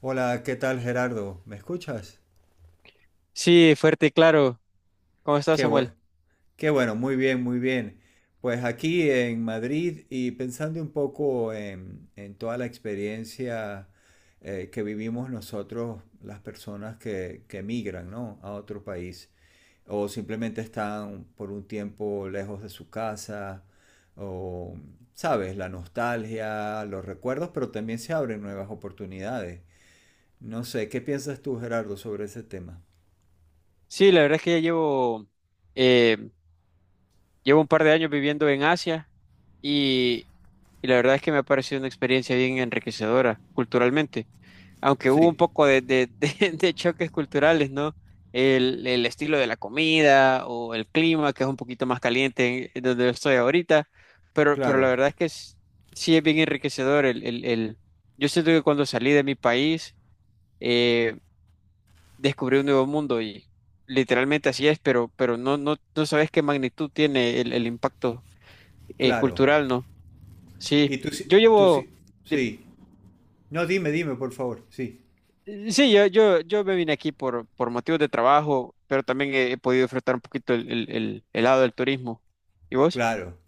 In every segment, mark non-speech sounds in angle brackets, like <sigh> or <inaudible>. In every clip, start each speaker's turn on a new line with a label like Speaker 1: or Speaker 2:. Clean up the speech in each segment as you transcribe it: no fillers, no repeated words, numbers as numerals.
Speaker 1: Hola, ¿qué tal, Gerardo? ¿Me escuchas?
Speaker 2: Sí, fuerte y claro. ¿Cómo estás,
Speaker 1: Qué
Speaker 2: Samuel?
Speaker 1: bue- qué bueno, muy bien, muy bien. Pues aquí en Madrid y pensando un poco en toda la experiencia que vivimos nosotros, las personas que emigran, ¿no?, a otro país o simplemente están por un tiempo lejos de su casa o, sabes, la nostalgia, los recuerdos, pero también se abren nuevas oportunidades. No sé, ¿qué piensas tú, Gerardo, sobre ese tema?
Speaker 2: Sí, la verdad es que ya llevo, eh, llevo un par de años viviendo en Asia y, y la verdad es que me ha parecido una experiencia bien enriquecedora culturalmente, aunque hubo un
Speaker 1: Sí.
Speaker 2: poco <laughs> de choques culturales, ¿no? El estilo de la comida o el clima, que es un poquito más caliente en donde estoy ahorita, pero la
Speaker 1: Claro,
Speaker 2: verdad es que sí es bien enriquecedor. Yo siento que cuando salí de mi país, eh, descubrir un nuevo mundo y literalmente así es, pero no, no sabes qué magnitud tiene el impacto
Speaker 1: claro.
Speaker 2: cultural, ¿no? Sí,
Speaker 1: Y tú,
Speaker 2: yo
Speaker 1: tú
Speaker 2: llevo,
Speaker 1: sí,
Speaker 2: de-
Speaker 1: sí. No, dime, dime, por favor. Sí,
Speaker 2: sí, yo me vine aquí por motivos de trabajo, pero también he podido disfrutar un poquito el lado del turismo. ¿Y vos?
Speaker 1: claro.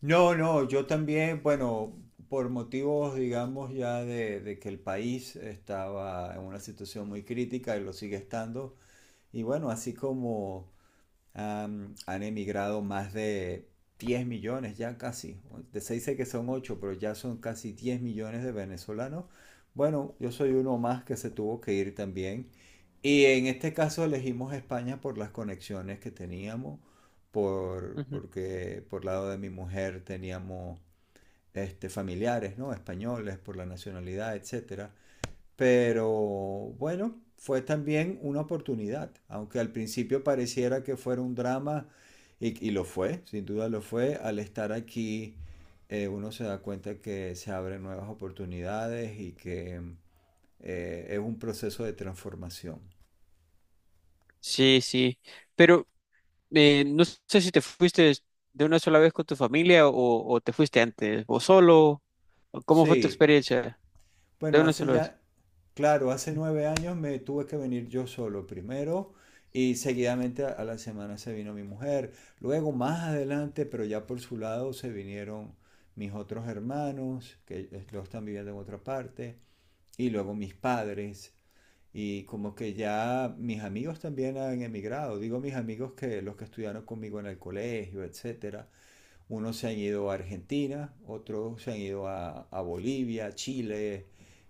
Speaker 1: No, no, yo también, bueno, por motivos, digamos, ya de que el país estaba en una situación muy crítica y lo sigue estando. Y bueno, así como, han emigrado más de 10 millones ya casi. Se dice que son ocho, pero ya son casi 10 millones de venezolanos. Bueno, yo soy uno más que se tuvo que ir también. Y en este caso elegimos España por las conexiones que teníamos, por,
Speaker 2: Ujú.
Speaker 1: porque por lado de mi mujer teníamos este, familiares, ¿no?, españoles, por la nacionalidad, etcétera, pero bueno, fue también una oportunidad, aunque al principio pareciera que fuera un drama, y lo fue, sin duda lo fue. Al estar aquí uno se da cuenta que se abren nuevas oportunidades y que es un proceso de transformación.
Speaker 2: Sí, sí, pero no sé si te fuiste de una sola vez con tu familia o te fuiste antes, o solo, o ¿cómo fue tu
Speaker 1: Sí,
Speaker 2: experiencia de
Speaker 1: bueno,
Speaker 2: una sola vez?
Speaker 1: claro, hace 9 años me tuve que venir yo solo primero y seguidamente a la semana se vino mi mujer. Luego, más adelante, pero ya por su lado, se vinieron mis otros hermanos, que los están viviendo en otra parte, y luego mis padres. Y como que ya mis amigos también han emigrado. Digo mis amigos, que los que estudiaron conmigo en el colegio, etcétera. Unos se han ido a Argentina, otros se han ido a Bolivia, Chile,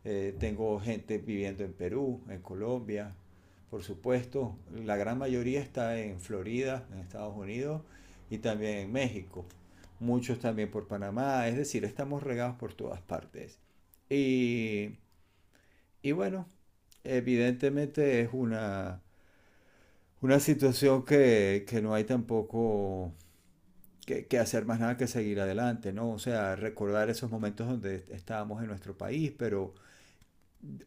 Speaker 1: tengo gente viviendo en Perú, en Colombia, por supuesto. La gran mayoría está en Florida, en Estados Unidos, y también en México. Muchos también por Panamá, es decir, estamos regados por todas partes. Y, y bueno, evidentemente es una situación que no hay tampoco que hacer más nada que seguir adelante, ¿no? O sea, recordar esos momentos donde estábamos en nuestro país, pero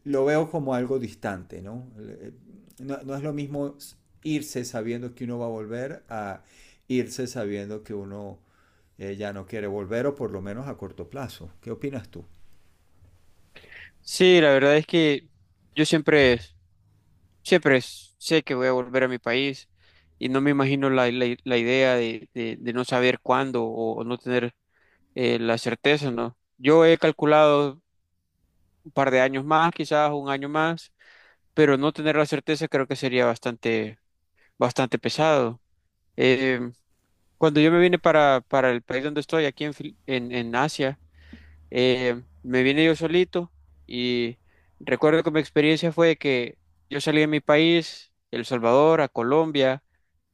Speaker 1: lo veo como algo distante, ¿no? No, no es lo mismo irse sabiendo que uno va a volver a irse sabiendo que uno ya no quiere volver, o por lo menos a corto plazo. ¿Qué opinas tú?
Speaker 2: Sí, la verdad es que yo siempre, siempre sé que voy a volver a mi país y no me imagino la idea de no saber cuándo o no tener la certeza, ¿no? Yo he calculado un par de años más, quizás un año más, pero no tener la certeza creo que sería bastante, bastante pesado. Eh, cuando yo me vine para el país donde estoy, aquí en, en Asia. Me vine yo solito y recuerdo que mi experiencia fue que yo salí de mi país, El Salvador, a Colombia,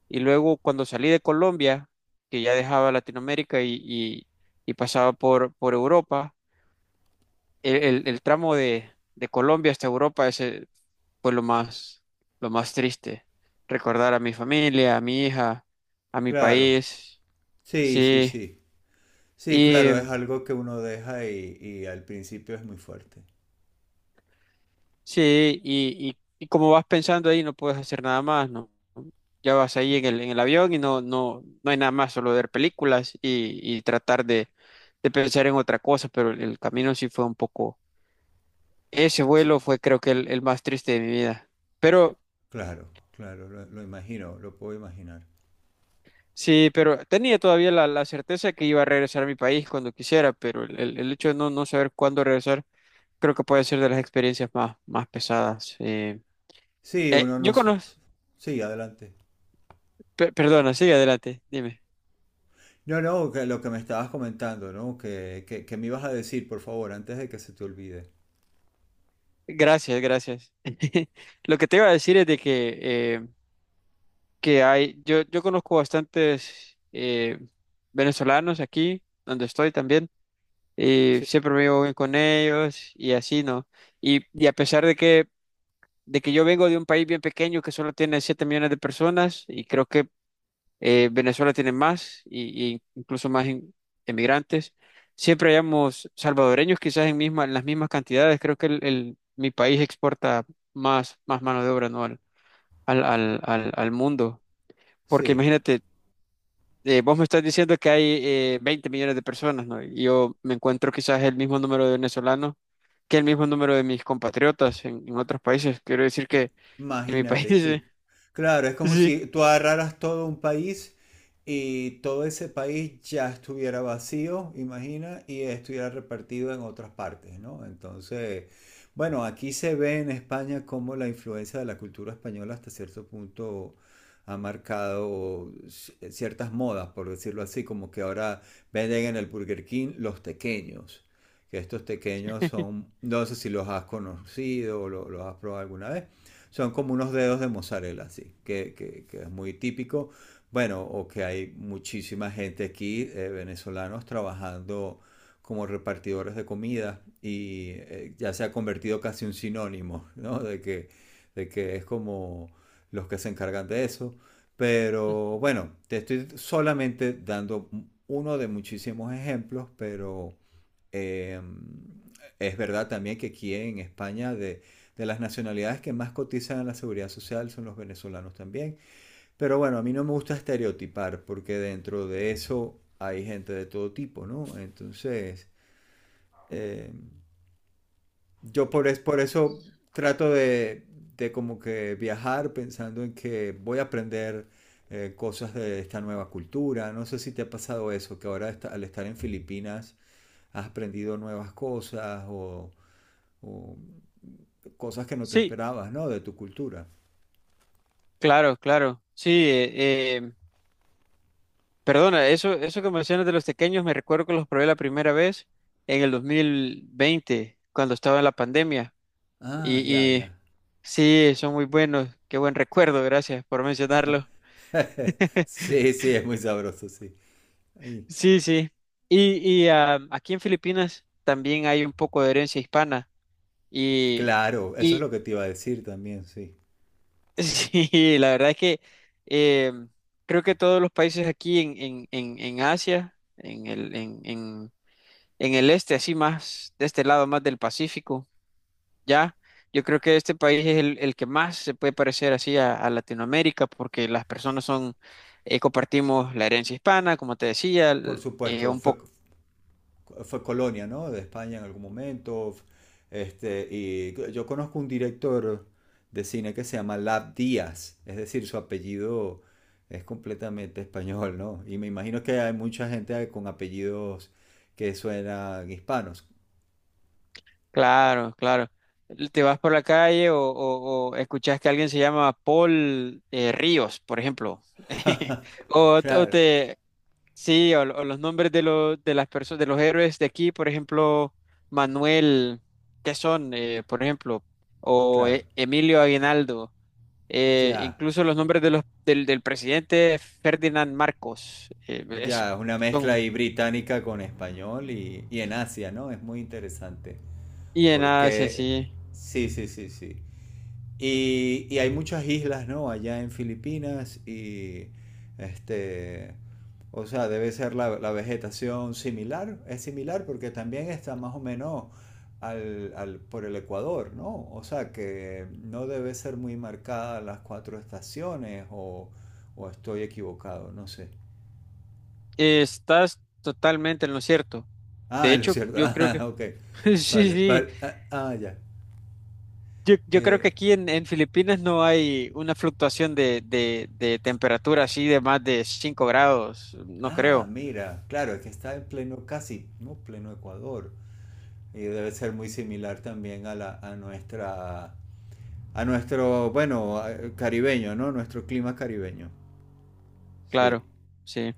Speaker 2: y luego cuando salí de Colombia, que ya dejaba Latinoamérica y pasaba por Europa, el tramo de Colombia hasta Europa, ese fue lo más triste. Recordar a mi familia, a mi hija, a mi
Speaker 1: Claro,
Speaker 2: país,
Speaker 1: sí, sí,
Speaker 2: sí.
Speaker 1: sí. Sí, claro, es
Speaker 2: Y
Speaker 1: algo que uno deja, y al principio es muy fuerte.
Speaker 2: sí, y como vas pensando ahí, no puedes hacer nada más, ¿no? Ya vas ahí en el avión y no, no hay nada más, solo ver películas y tratar de pensar en otra cosa, pero el, camino sí fue un poco. Ese
Speaker 1: Sí,
Speaker 2: vuelo fue creo que el más triste de mi vida. Pero
Speaker 1: claro, claro, lo imagino, lo puedo imaginar.
Speaker 2: sí, pero tenía todavía la certeza que iba a regresar a mi país cuando quisiera, pero el, el hecho de no, no saber cuándo regresar creo que puede ser de las experiencias más, más pesadas.
Speaker 1: Sí, uno no...
Speaker 2: Yo
Speaker 1: s-
Speaker 2: conozco.
Speaker 1: Sí, adelante.
Speaker 2: Perdona, sigue adelante, dime.
Speaker 1: No, no, que lo que me estabas comentando, ¿no? Que me ibas a decir, por favor, antes de que se te olvide.
Speaker 2: Gracias, gracias. <laughs> Lo que te iba a decir es de que hay, yo conozco bastantes venezolanos aquí, donde estoy también, y
Speaker 1: Sí.
Speaker 2: siempre me llevo bien con ellos y así, ¿no? Y a pesar de que yo vengo de un país bien pequeño que solo tiene 7 millones de personas y creo que Venezuela tiene más y incluso más emigrantes. Siempre hayamos salvadoreños, quizás en, misma, en las mismas cantidades. Creo que el, mi país exporta más, más mano de obra, ¿no? Al mundo. Porque
Speaker 1: Sí.
Speaker 2: imagínate, vos me estás diciendo que hay 20 millones de personas, ¿no? Y yo me encuentro quizás el mismo número de venezolanos que el mismo número de mis compatriotas en otros países. Quiero decir que mi país.
Speaker 1: Imagínate tú.
Speaker 2: <laughs>
Speaker 1: Claro, es como
Speaker 2: Sí,
Speaker 1: si tú agarraras todo un país y todo ese país ya estuviera vacío, imagina, y estuviera repartido en otras partes, ¿no? Entonces, bueno, aquí se ve en España cómo la influencia de la cultura española hasta cierto punto ha marcado ciertas modas, por decirlo así. Como que ahora venden en el Burger King los tequeños, que estos tequeños son, no sé si los has conocido o los has probado alguna vez, son como unos dedos de mozzarella, así, que es muy típico. Bueno, o que hay muchísima gente aquí, venezolanos, trabajando como repartidores de comida, y ya se ha convertido casi un sinónimo, ¿no? de que es como los que se encargan de eso. Pero bueno, te estoy solamente dando uno de muchísimos ejemplos, pero eh, es verdad también que aquí en España de las nacionalidades que más cotizan en la seguridad social son los venezolanos también. Pero bueno, a mí no me gusta estereotipar, porque dentro de eso hay gente de todo tipo, ¿no? Entonces, eh, por eso trato de como que viajar pensando en que voy a aprender cosas de esta nueva cultura. No sé si te ha pasado eso, que ahora al estar en Filipinas has aprendido nuevas cosas, o cosas que no te
Speaker 2: sí,
Speaker 1: esperabas, ¿no?, de tu cultura.
Speaker 2: claro, claro, sí. Perdona, eso que mencionas de los tequeños, me recuerdo que los probé la primera vez en el 2020, cuando estaba en la pandemia.
Speaker 1: Ah, ya, ya.
Speaker 2: Y sí, son muy buenos. Qué buen recuerdo, gracias por mencionarlo.
Speaker 1: <laughs>
Speaker 2: <laughs>
Speaker 1: Sí, sí, es muy sabroso, sí. Ay,
Speaker 2: Sí, sí. Y ah, aquí en Filipinas también hay un poco de herencia hispana. Y,
Speaker 1: claro, eso es
Speaker 2: y
Speaker 1: lo que te iba a decir también, sí.
Speaker 2: <laughs> sí, la verdad es que eh, creo que todos los países aquí en Asia, en el este, así más, de este lado más del Pacífico, ¿ya? Yo creo que este país es el que más se puede parecer así a Latinoamérica porque las personas son, compartimos la herencia hispana, como te decía,
Speaker 1: Por supuesto,
Speaker 2: un
Speaker 1: fue,
Speaker 2: poco,
Speaker 1: fue colonia, ¿no?, de España en algún momento. Este, y yo conozco un director de cine que se llama Lab Díaz, es decir, su apellido es completamente español, ¿no? Y me imagino que hay mucha gente con apellidos que suenan hispanos.
Speaker 2: claro, claro. Te vas por la calle o escuchas que alguien se llama Paul Ríos, por ejemplo. <laughs>
Speaker 1: <laughs>
Speaker 2: O, o
Speaker 1: Claro,
Speaker 2: te, sí, o los nombres de los de las personas de los héroes de aquí, por ejemplo, Manuel, ¿qué son? Por ejemplo, o
Speaker 1: claro,
Speaker 2: Emilio Aguinaldo,
Speaker 1: ya.
Speaker 2: incluso los nombres de los del, del presidente Ferdinand Marcos, es-
Speaker 1: Ya, es una mezcla
Speaker 2: son
Speaker 1: ahí británica con español, y, en Asia, ¿no? Es muy interesante.
Speaker 2: y en Asia,
Speaker 1: Porque,
Speaker 2: sí.
Speaker 1: sí, sí, sí, sí. Y hay muchas islas, ¿no?, allá en Filipinas, y, este, o sea, debe ser la vegetación similar. Es similar porque también está más o menos por el Ecuador, ¿no? O sea, que no debe ser muy marcada las cuatro estaciones, o estoy equivocado, no sé.
Speaker 2: Estás totalmente en lo cierto. De
Speaker 1: Ah, lo
Speaker 2: hecho,
Speaker 1: cierto.
Speaker 2: yo
Speaker 1: <laughs>
Speaker 2: creo
Speaker 1: Ah,
Speaker 2: que
Speaker 1: ok.
Speaker 2: <laughs> sí,
Speaker 1: Vale,
Speaker 2: sí.
Speaker 1: vale. Ah, ah, ya.
Speaker 2: Yo creo que
Speaker 1: Eh,
Speaker 2: aquí en Filipinas no hay una fluctuación de temperatura así de más de 5 grados, no
Speaker 1: ah,
Speaker 2: creo.
Speaker 1: mira, claro, es que está en pleno, casi, no, pleno Ecuador. Y debe ser muy similar también a la, a nuestra, a nuestro, bueno, caribeño, ¿no?, nuestro clima caribeño. Sí.
Speaker 2: Claro, sí.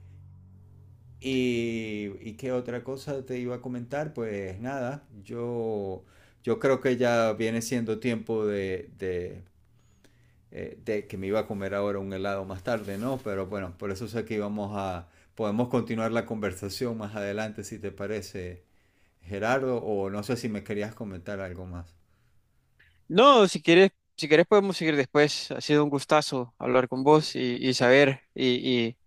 Speaker 1: Y qué otra cosa te iba a comentar, pues nada, yo creo que ya viene siendo tiempo de que me iba a comer ahora un helado más tarde, ¿no? Pero bueno, por eso sé que íbamos a... Podemos continuar la conversación más adelante, si te parece, Gerardo, o no sé si me querías comentar algo más.
Speaker 2: No, si quieres, si quieres podemos seguir después. Ha sido un gustazo hablar con vos y
Speaker 1: Po-
Speaker 2: saber.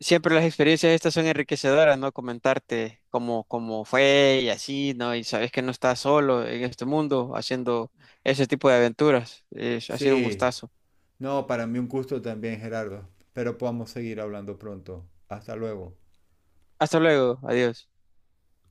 Speaker 2: Siempre las experiencias estas son enriquecedoras, ¿no? Comentarte cómo, cómo fue y así, ¿no? Y sabes que no estás solo en este mundo haciendo ese tipo de aventuras. Ha sido un
Speaker 1: Sí,
Speaker 2: gustazo.
Speaker 1: no, para mí un gusto también, Gerardo, pero podamos seguir hablando pronto. Hasta luego.
Speaker 2: Hasta luego, adiós.